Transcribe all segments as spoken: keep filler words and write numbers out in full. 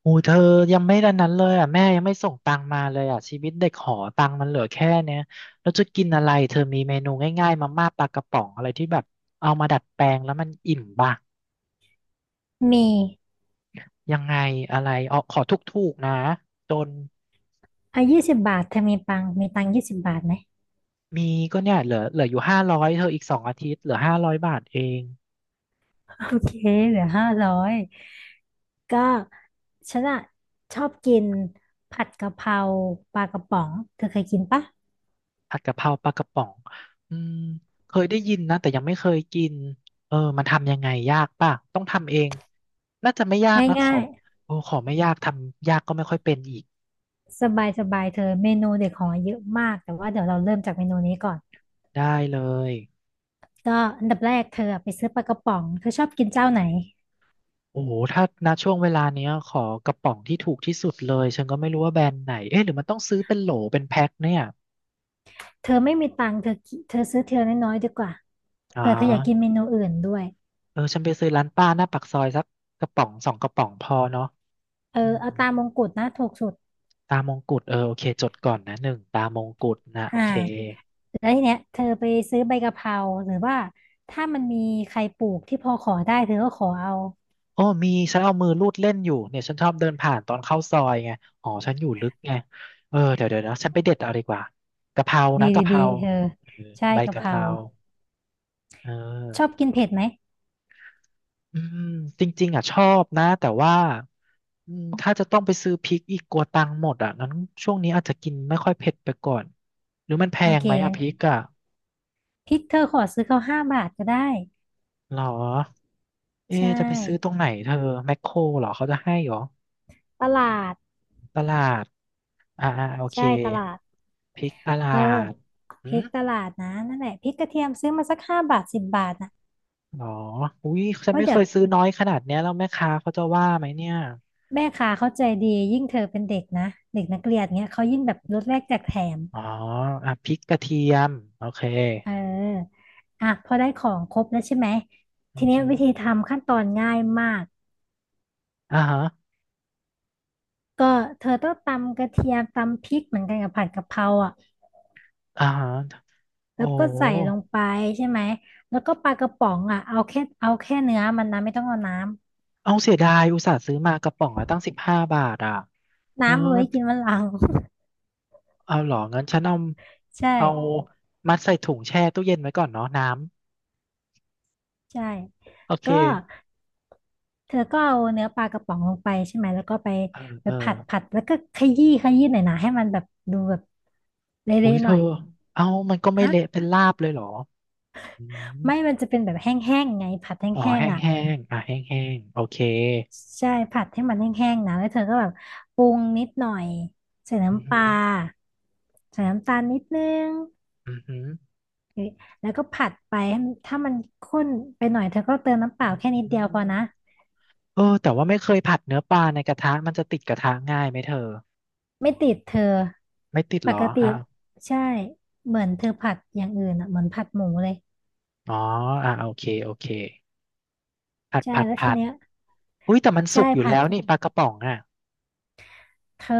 โอ้เธอยังไม่ดันนั้นเลยอ่ะแม่ยังไม่ส่งตังมาเลยอ่ะชีวิตเด็กหอตังมันเหลือแค่เนี้ยแล้วจะกินอะไรเธอมีเมนูง่ายๆมาม่าปลากระป๋องอะไรที่แบบเอามาดัดแปลงแล้วมันอิ่มบ้างมียังไงอะไรเอาขอถูกๆนะจนอ่ะยี่สิบบาทเธอมีปังมีตังยี่สิบบาทไหมมีก็เนี่ยเหลือเหลืออยู่ห้าร้อยเธออีกสองอาทิตย์เหลือห้าร้อยบาทเอง โอเคเหลือห้าร้อยก็ฉันอะชอบกินผัดกะเพราปลากระป๋องเธอเคยกินปะผัดกะเพราปลากระป๋องอืมเคยได้ยินนะแต่ยังไม่เคยกินเออมันทำยังไงยากป่ะต้องทำเองน่าจะไม่ยากนะขง่าอยโอ้ขอไม่ยากทำยากก็ไม่ค่อยเป็นอีกๆสบายสบายเธอเมนูเด็กของเยอะมากแต่ว่าเดี๋ยวเราเริ่มจากเมนูนี้ก่อนได้เลยก็อันดับแรกเธอไปซื้อปลากระป๋องเธอชอบกินเจ้าไหนโอ้โหถ้าณช่วงเวลาเนี้ยขอกระป๋องที่ถูกที่สุดเลยฉันก็ไม่รู้ว่าแบรนด์ไหนเอ๊ะหรือมันต้องซื้อเป็นโหลเป็นแพ็คเนี่ยเธอไม่มีตังค์เธอกิเธอซื้อเทียน้อยๆดีกว่าอ๋เผื่อเธออยากกินอเมนูอื่นด้วยเออฉันไปซื้อร้านป้าหน้าปากซอยสักกระป๋องสองกระป๋องพอเนาะเอออืมเอาตามมงกุฎนะถูกสุดตามงกุฎเออโอเคจดก่อนนะหนึ่งตามงกุฎนะโออ่า เค แล้วทีเนี้ยเธอไปซื้อใบกะเพราหรือว่าถ้ามันมีใครปลูกที่พอขอได้เธอก็ขอเอาโอ้มีฉันเอามือลูดเล่นอยู่เนี่ยฉันชอบเดินผ่านตอนเข้าซอยไงอ๋อฉันอยู่ลึกไงเออเดี๋ยวเดี๋ยวนะฉันไปเด็ดเอาดีกว่ากะเพราดีนะกะดีเพดีราเธอเออใช่ใบกะเพกะเพราราเอชออบกินเผ็ดไหมอืมจริงๆอ่ะชอบนะแต่ว่าอืมถ้าจะต้องไปซื้อพริกอีกกลัวตังค์หมดอ่ะงั้นช่วงนี้อาจจะกินไม่ค่อยเผ็ดไปก่อนหรือมันแพโองเคไหมอ่ะงั้นพริกอ่ะพริกเธอขอซื้อเขาห้าบาทก็ได้หรอใชเอ๊ะจะไปซื้อตร่งไหนเธอแมคโครเหรอเขาจะให้เหรอตลาดตลาด อ่าอ่าโอเคใช่ตลาดพริกตเออลาดอืพริมกตลาดนะนั่นแหละพริกกระเทียมซื้อมาสักห้าบาทสิบบาทนะหรออุ้ยฉัเพนราะไม่เคเดี๋ยวยซื้อน้อยขนาดเนี้ยแล้วแม่ค้าเขาจะว่าไหมเนี่ย แม่ค้าเขาใจดียิ่งเธอเป็นเด็กนะเด็กนักเรียนเงี้ยเขายิ่งแบบลดแลกแจกแถม อ๋ออ่ะพริกกระเทียมโอเคเอออ่ะพอได้ของครบแล้วใช่ไหมทีอือเนี้ยฮึวิธีทำขั้นตอนง่ายมากอ่าฮะก็เธอต้องตำกระเทียมตำพริกเหมือนกันกับผัดกะเพราอ่ะอ่าฮะโอ้แล้วก็ใส่ลงไปใช่ไหมแล้วก็ปลากระป๋องอ่ะเอาแค่เอาแค่เนื้อมันนะไม่ต้องเอาน้ำเอาเสียดายอุตส่าห์ซื้อมากระป๋องละตั้งสิบห้าบาทอ่ะ เออน้ำเอาไว้กินวันหลัง เอาเหรองั้นฉันเอา ใช่เอามัดใส่ถุงแช่ตู้เย็นไว้ก่อนเนาะน้ใช่ำโอเคก็เธอก็เอาเนื้อปลากระป๋องลงไปใช่ไหมแล้วก็ไปเออไปเออผัดผัดแล้วก็ขยี้ขยี้หน่อยนะให้มันแบบดูแบบอุ้เละยๆเธหน่ออยเอามันก็ไม่ฮะ เละเป็นลาบเลยเหรออืม ไม่มันจะเป็นแบบแห้งๆไงผัดแหอ๋อ้งแห้ๆงอ่ะแห้งอ่ะแห้งแห้งโอเคใช่ผัดให้มันแห้งๆนะแล้วเธอก็แบบปรุงนิดหน่อยใส่อือน้ำปหืลาอใส่น้ำตาลนิดนึงอือหือหรือแล้วก็ผัดไปให้มันถ้ามันข้นไปหน่อยเธอก็เติมน้ำเปล่าแค่อืนิอดหืเดียวพออนะเออแต่ว่าไม่เคยผัดเนื้อปลาในกระทะมันจะติดกระทะง่ายไหมเธอไม่ติดเธอไม่ติดปเหรอกติอ่ะใช่เหมือนเธอผัดอย่างอื่นอ่ะเหมือนผัดหมูเลยอ๋ออ่ะโอเคโอเคผัดใช่ผัดแล้วทีผัดเนี้ยอุ้ยแต่มันสุใช่กอยู่ผัแล้ดวนี่ปลากระป๋องอ่ะเธอ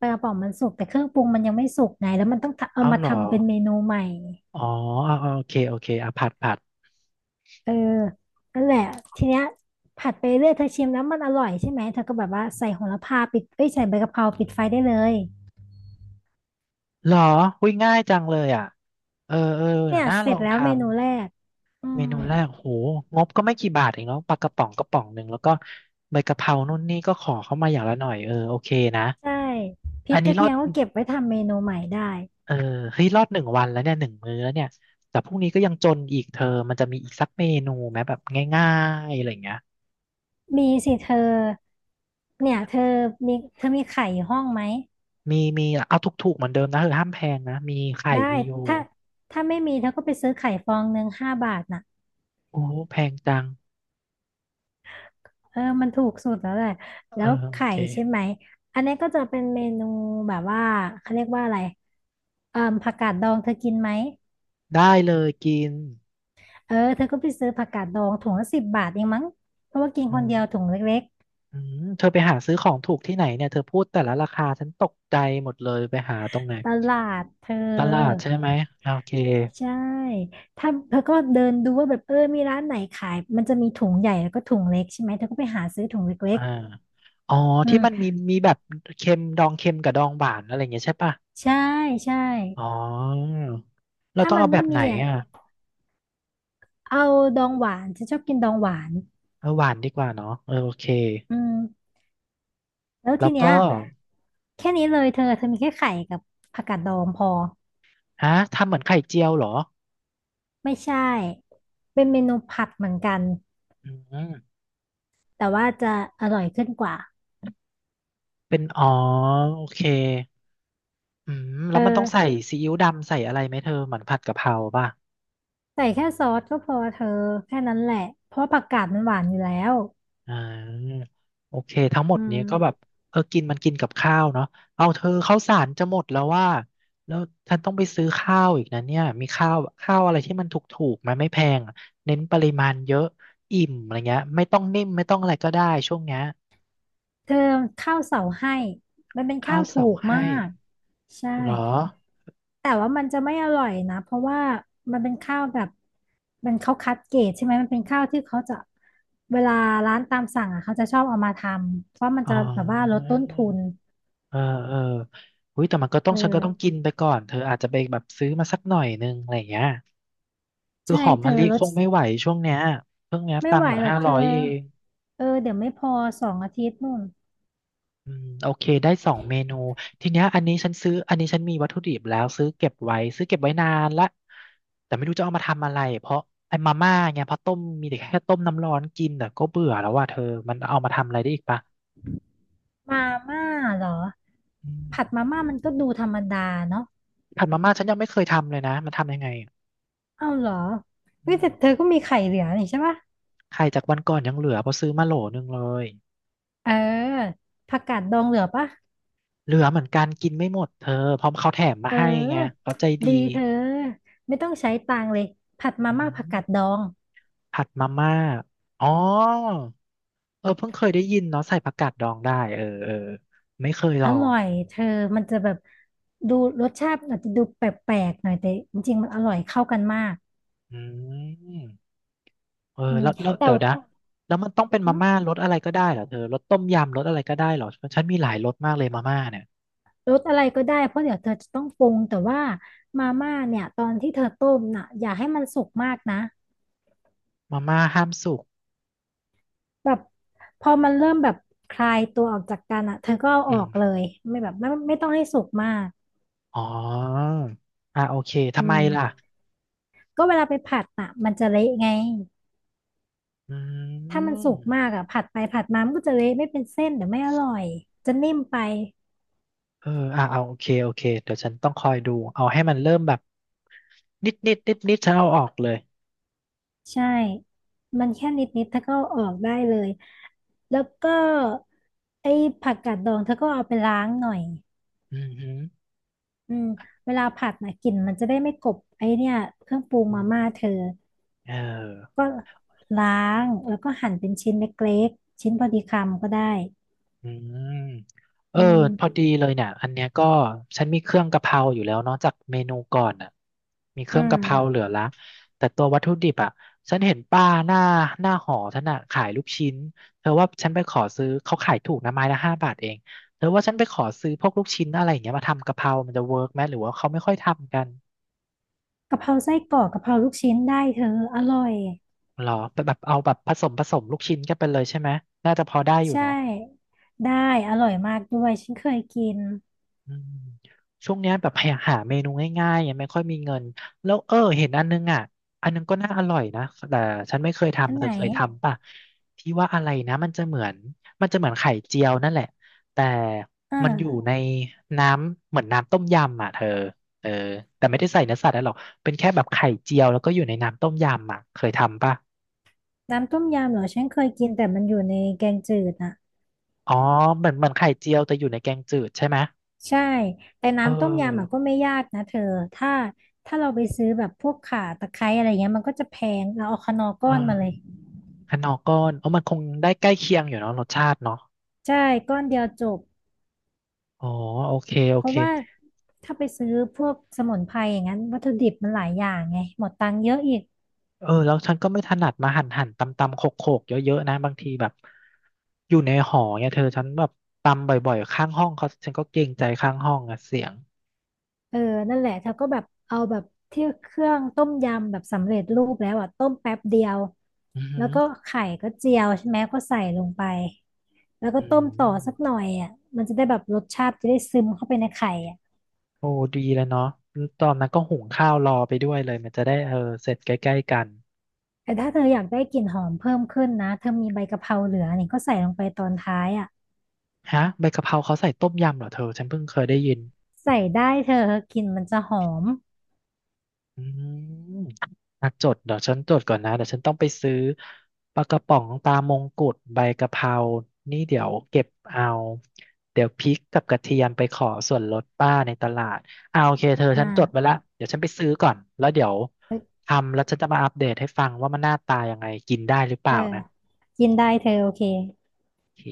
ปลากระป๋องมันสุกแต่เครื่องปรุงมันยังไม่สุกไงแล้วมันต้องทำเอาเอามาเหรอทำเป็นเมนูใหม่ อ๋ออ่ะอ่ะโอเคโอเคอ่ะผัดผัดเออนั่นแหละทีเนี้ยผัดไปเรื่อยเธอชิมแล้วมันอร่อยใช่ไหมเธอก็แบบว่าใส่โหระพาปิดเอ้ยใส่ใบกะเพราปิดไฟได้เลยเหรออุ้ยง่ายจังเลยอ่ะเออเออเดี๋เนี่ยวยน่าเสลร็อจงแล้วทำ เมนูแรกอืเมมนูแรกโหงบก็ไม่กี่บาทเองเนาะปลากระป๋องกระป๋องหนึ่งแล้วก็ใบกะเพรานู่นนี่ก็ขอเข้ามาอย่างละหน่อยเออโอเคนะใช่พริอักนกนี้ระรอเทียดมก็เก็บไว้ทำเมนูใหม่ได้เออเฮ้ยรอดหนึ่งวันแล้วเนี่ยหนึ่งมื้อแล้วเนี่ยแต่พรุ่งนี้ก็ยังจนอีกเธอมันจะมีอีกสักเมนูไหมแบบง่ายๆอะไรอย่างเงี้ยมีสิเธอเนี่ยเธอมีเธอมีไข่อยู่ห้องไหมมีมีเอาถูกๆเหมือนเดิมนะเออห้ามแพงนะมีไข่ได้มีอยู่ถ้าถ้าไม่มีเธอก็ไปซื้อไข่ฟองหนึ่งห้าบาทน่ะ โอ้แพงจังเออมันถูกสุดแล้วแหละเอแล้อวโอไข่เคใช่ไหม อันนี้ก็จะเป็นเมนูแบบว่าเขาเรียกว่าอะไรเอ่อผักกาดดองเธอกินไหมได้เลยกินเออเธอก็ไปซื้อผักกาดดองถุงละสิบบาทเองมั้งเพราะว่ากินอืคนม เดียวถุงเล็กอืมเธอไปหาซื้อของถูกที่ไหนเนี่ยเธอพูดแต่ละราคาฉันตกใจหมดเลยไปหาตรงไหนๆตลาดเธตลาดอใช่ไหมโอเคใช่ถ้าเธอก็เดินดูว่าแบบเออมีร้านไหนขายมันจะมีถุงใหญ่แล้วก็ถุงเล็กใช่ไหมเธอก็ไปหาซื้อถุงเล็อ่ากอ๋อๆอืที่มมันมีมีแบบเค็มดองเค็มกับดองหวานอะไรอย่างเงี้ยใช่ป่ะใช่ใช่อ๋อเราถ้าต้องมัเอานแบไม่บไหนมีอ่ะอ่ะเอาดองหวานฉันชอบกินดองหวาน เอาหวานดีกว่าเนาะเออโอเคอืมแล้วแล้ทีวเนี้ก็ยแค่นี้เลยเธอเธอมีแค่ไข่กับผักกาดดองพอฮะทำเหมือนไข่เจียวเหรอไม่ใช่เป็นเมนูผัดเหมือนกันอืมแต่ว่าจะอร่อยขึ้นกว่าเป็นอ๋อโอเคอืมแล้เอวมันต้องใส่อซีอิ๊วดำใส่อะไรไหมเธอเหมือนผัดกะเพราป่ะ ใส่แค่ซอสก็พอเธอแค่นั้นแหละเพราะผักกาดมันหวานอยู่แล้วอ่าโอเคทั้งหมอืดม นี้ก็แบบเออกินมันกินกับข้าวเนาะเอาเธอข้าวสารจะหมดแล้วว่าแล้วฉันต้องไปซื้อข้าวอีกนะเนี่ยมีข้าวข้าวอะไรที่มันถูกๆไหมไม่แพงอะเน้นปริมาณเยอะอิ่มอะไรเงี้ยไม่ต้องนิ่มไม่ต้องอะไรก็ได้ช่วงเนี้ยเธอข้าวเสาให้มันเป็นข้าข้าววถูเสากมาให้กใช่เหรอแต่ว่ามันจะไม่อร่อยนะเพราะว่ามันเป็นข้าวแบบมันเขาคัดเกรดใช่ไหมมันเป็นข้าวที่เขาจะเวลาร้านตามสั่งอ่ะเขาจะชอบเอามาทำเพราะมันอ๋อจะแบบว่าลดต้นทุนเออเอออุ้ยแต่มันก็ต้อเองฉันก็ต้องกิอนไปก่อนเธออาจจะไปแบบซื้อมาสักหน่อยนึงอะไรเงี้ยคือใช่หอมเธมะอลิลคดงไม่ไหวช่วงเนี้ยเพิ่งเนี้ยไม่ตังไหวค์เหลือหรอกห้าเธร้ออยเอง เออเดี๋ยวไม่พอสองอาทิตย์นู่นอืมโอเคได้สองเมนูทีเนี้ยอันนี้ฉันซื้ออันนี้ฉันมีวัตถุดิบแล้วซื้อเก็บไว้ซื้อเก็บไว้นานละแต่ไม่รู้จะเอามาทำอะไรเพราะไอ้มาม่าไงพอต้มมีแต่แค่ต้มน้ำร้อนกินแต่ก็เบื่อแล้วว่าเธอมันเอามาทำอะไรได้อีกปะมาม่าเหรออืมผัดมาม่ามันก็ดูธรรมดาเนาะผัดมาม่าฉันยังไม่เคยทำเลยนะมันทำยังไงอะเอ้าเหรอเฮ้อืยมแต่เธอก็มีไข่เหลือนี่ใช่ปะ ไข่จากวันก่อนยังเหลือเพราะซื้อมาโหลนึงเลยเออผักกาดดองเหลือปะเหลือเหมือนกันกินไม่หมดเธอเพราะเขาแถมมาเให้ไงออเขาใจดีดีเธอไม่ต้องใช้ตังค์เลยผัดมาอืม่าผักมกาดดองผัดมาม่าอ๋อ เออเพิ่งเคยได้ยินเนาะใส่ผักกาดดองได้เออเออไม่เคยลออร่งอยเธอมันจะแบบดูรสชาติอาจจะดูแปลกๆหน่อยแต่จริงๆมันอร่อยเข้ากันมากอืมเอออืมแล้วแล้วแต่เดี๋ยวว่านะแล้วมันต้องเป็นอืมามม่ารสอะไรก็ได้เหรอเธอรสต้มยำรสอะไรก็ได้เหรอฉันมีหลายรสมากเลยมาม่าเนี่ยรสอะไรก็ได้เพราะเดี๋ยวเธอจะต้องปรุงแต่ว่ามาม่าเนี่ยตอนที่เธอต้มน่ะอย่าให้มันสุกมากนะมาม่าห้ามสุกแบบพอมันเริ่มแบบคลายตัวออกจากกันอ่ะเธอก็เอาออือกเลมยไม่แบบไม่ไม่ต้องให้สุกมากอ๋ออ่ะโอเคอืทำไมล่ะม ก็เวลาไปผัดอ่ะมันจะเละไง อืถ้ามันมสุกมากอ่ะผัดไปผัดมามันก็จะเละไม่เป็นเส้นเดี๋ยวไม่อร่อย จะนิ่มไปเอออ่ะเอาโอเคโอเคเดี๋ยวฉันต้องคอยดูเอาให้มันเริ่มแบบนิดนิดนิดนิดฉันเอาออกเลยใช่ มันแค่นิดนิดเธอก็เอาออกได้เลย แล้วก็ไอ้ผักกาดดองเธอก็เอาไปล้างหน่อยอืมฮึอืมเวลาผัดนะกลิ่นมันจะได้ไม่กบไอ้เนี่ยเครื่องปรุงอืมามม่าเธอเออ ก็ล้างแล้วก็หั่นเป็นชิ้นเล็กๆชิ้นพอดีคำก็ได้อืมเอออืพอมดีเลยเนี่ยอันเนี้ยก็ฉันมีเครื่องกะเพราอยู่แล้วเนาะจากเมนูก่อนอ่ะมีเคอืรื่องมกะเพราเหลือละแต่ตัววัตถุดิบอ่ะฉันเห็นป้าหน้าหน้าหอฉันอ่ะขายลูกชิ้นเธอว่าฉันไปขอซื้อเขาขายถูกนะไม้ละห้าบาทเองเธอว่าฉันไปขอซื้อพวกลูกชิ้นอะไรอย่างเงี้ยมาทำกะเพรามันจะเวิร์กไหมหรือว่าเขาไม่ค่อยทำกันกะเพราไส้กรอกกะเพราลูกชิ้นได้เธออร่อย หรอแบบเอาแบบผสมผสมลูกชิ้นกันไปเลยใช่ไหมน่าจะพอได้อยู่ใช่เนาะ ได้อร่อยมากด้วยฉันเคยกินอืมช่วงเนี้ยแบบหาหาเมนูง่ายๆยังไม่ค่อยมีเงินแล้วเออเห็นอันนึงอ่ะอันนึงก็น่าอร่อยนะแต่ฉันไม่เคยอันทำเธไหนอเคยทำป่ะที่ว่าอะไรนะมันจะเหมือนมันจะเหมือนไข่เจียวนั่นแหละแต่มันอยู่อ่าในน้ำเหมือนน้ำต้มยำอ่ะเธอเออแต่ไม่ได้ใส่เนื้อสัตว์อะไรหรอกเป็นแค่แบบไข่เจียวแล้วก็อยู่ในน้ำต้มยำอ่ะเคยทำป่ะน้ำต้มยำเหรอฉันเคยกินแต่มันอยู่ในแกงจืดอะอ๋อเหมือนเหมือนไข่เจียวแต่อยู่ในแกงจืดใช่ไหมใช่แต่เอน้ำต้มยำอะอก็ไม่ยากนะเธอถ้าถ้าเราไปซื้อแบบพวกข่าตะไคร้อะไรเงี้ยมันก็จะแพงเราเอาคนอก้เออนอ มาเลยคะนอก้อนเออมันคงได้ใกล้เคียงอยู่เนาะรสชาติเนาะใช่ก้อนเดียวจบอ๋อโอเคโอเพเคราะว่าถ้าไปซื้อพวกสมุนไพรอย่างนั้นวัตถุดิบมันหลายอย่างไงหมดตังค์เยอะอีก เออแล้วฉันก็ไม่ถนัดมาหั่นหั่นตำตำโขกโขกเยอะๆนะบางทีแบบอยู่ในหอเนี่ยเธอฉันแบบตำบ่อยๆข้างห้องเขาฉันก็เกรงใจข้างห้องอะเสียงเออนั่นแหละเธอก็แบบเอาแบบที่เครื่องต้มยำแบบสำเร็จรูปแล้วอ่ะต้มแป๊บเดียวอือหืแล้วอก็ไข่ก็เจียวใช่ไหมก็ใส่ลงไปแล้วก็อืต้มต่อมสักหน่อยอ่ะมันจะได้แบบรสชาติจะได้ซึมเข้าไปในไข่อ่ะโอ้ดีเลยเนาะตอนนั้นก็หุงข้าวรอไปด้วยเลยมันจะได้เออเสร็จใกล้ๆกันแต่ถ้าเธออยากได้กลิ่นหอมเพิ่มขึ้นนะเธอมีใบกะเพราเหลือนี่ก็ใส่ลงไปตอนท้ายอ่ะฮะใบกะเพราเขาใส่ต้มยำเหรอเธอฉันเพิ่งเคยได้ยิน ใส่ได้เธอกลิ่นมันจะหอมอืมนักจดเดี๋ยวฉันจดก่อนนะเดี๋ยวฉันต้องไปซื้อปลากระป๋องปลามงกุฎใบกะเพรานี่เดี๋ยวเก็บเอา เดี๋ยวพริกกับกระเทียมไปขอส่วนลดป้าในตลาดเอาโอเคเธอฉันจดไว้อ่าละเดี๋ยวฉันไปซื้อก่อนแล้วเดี๋ยวทำแล้วฉันจะมาอัปเดตให้ฟังว่ามันหน้าตายังไงกินได้หรือเปเอล่าอนะกินได้เธอโอเคโอเค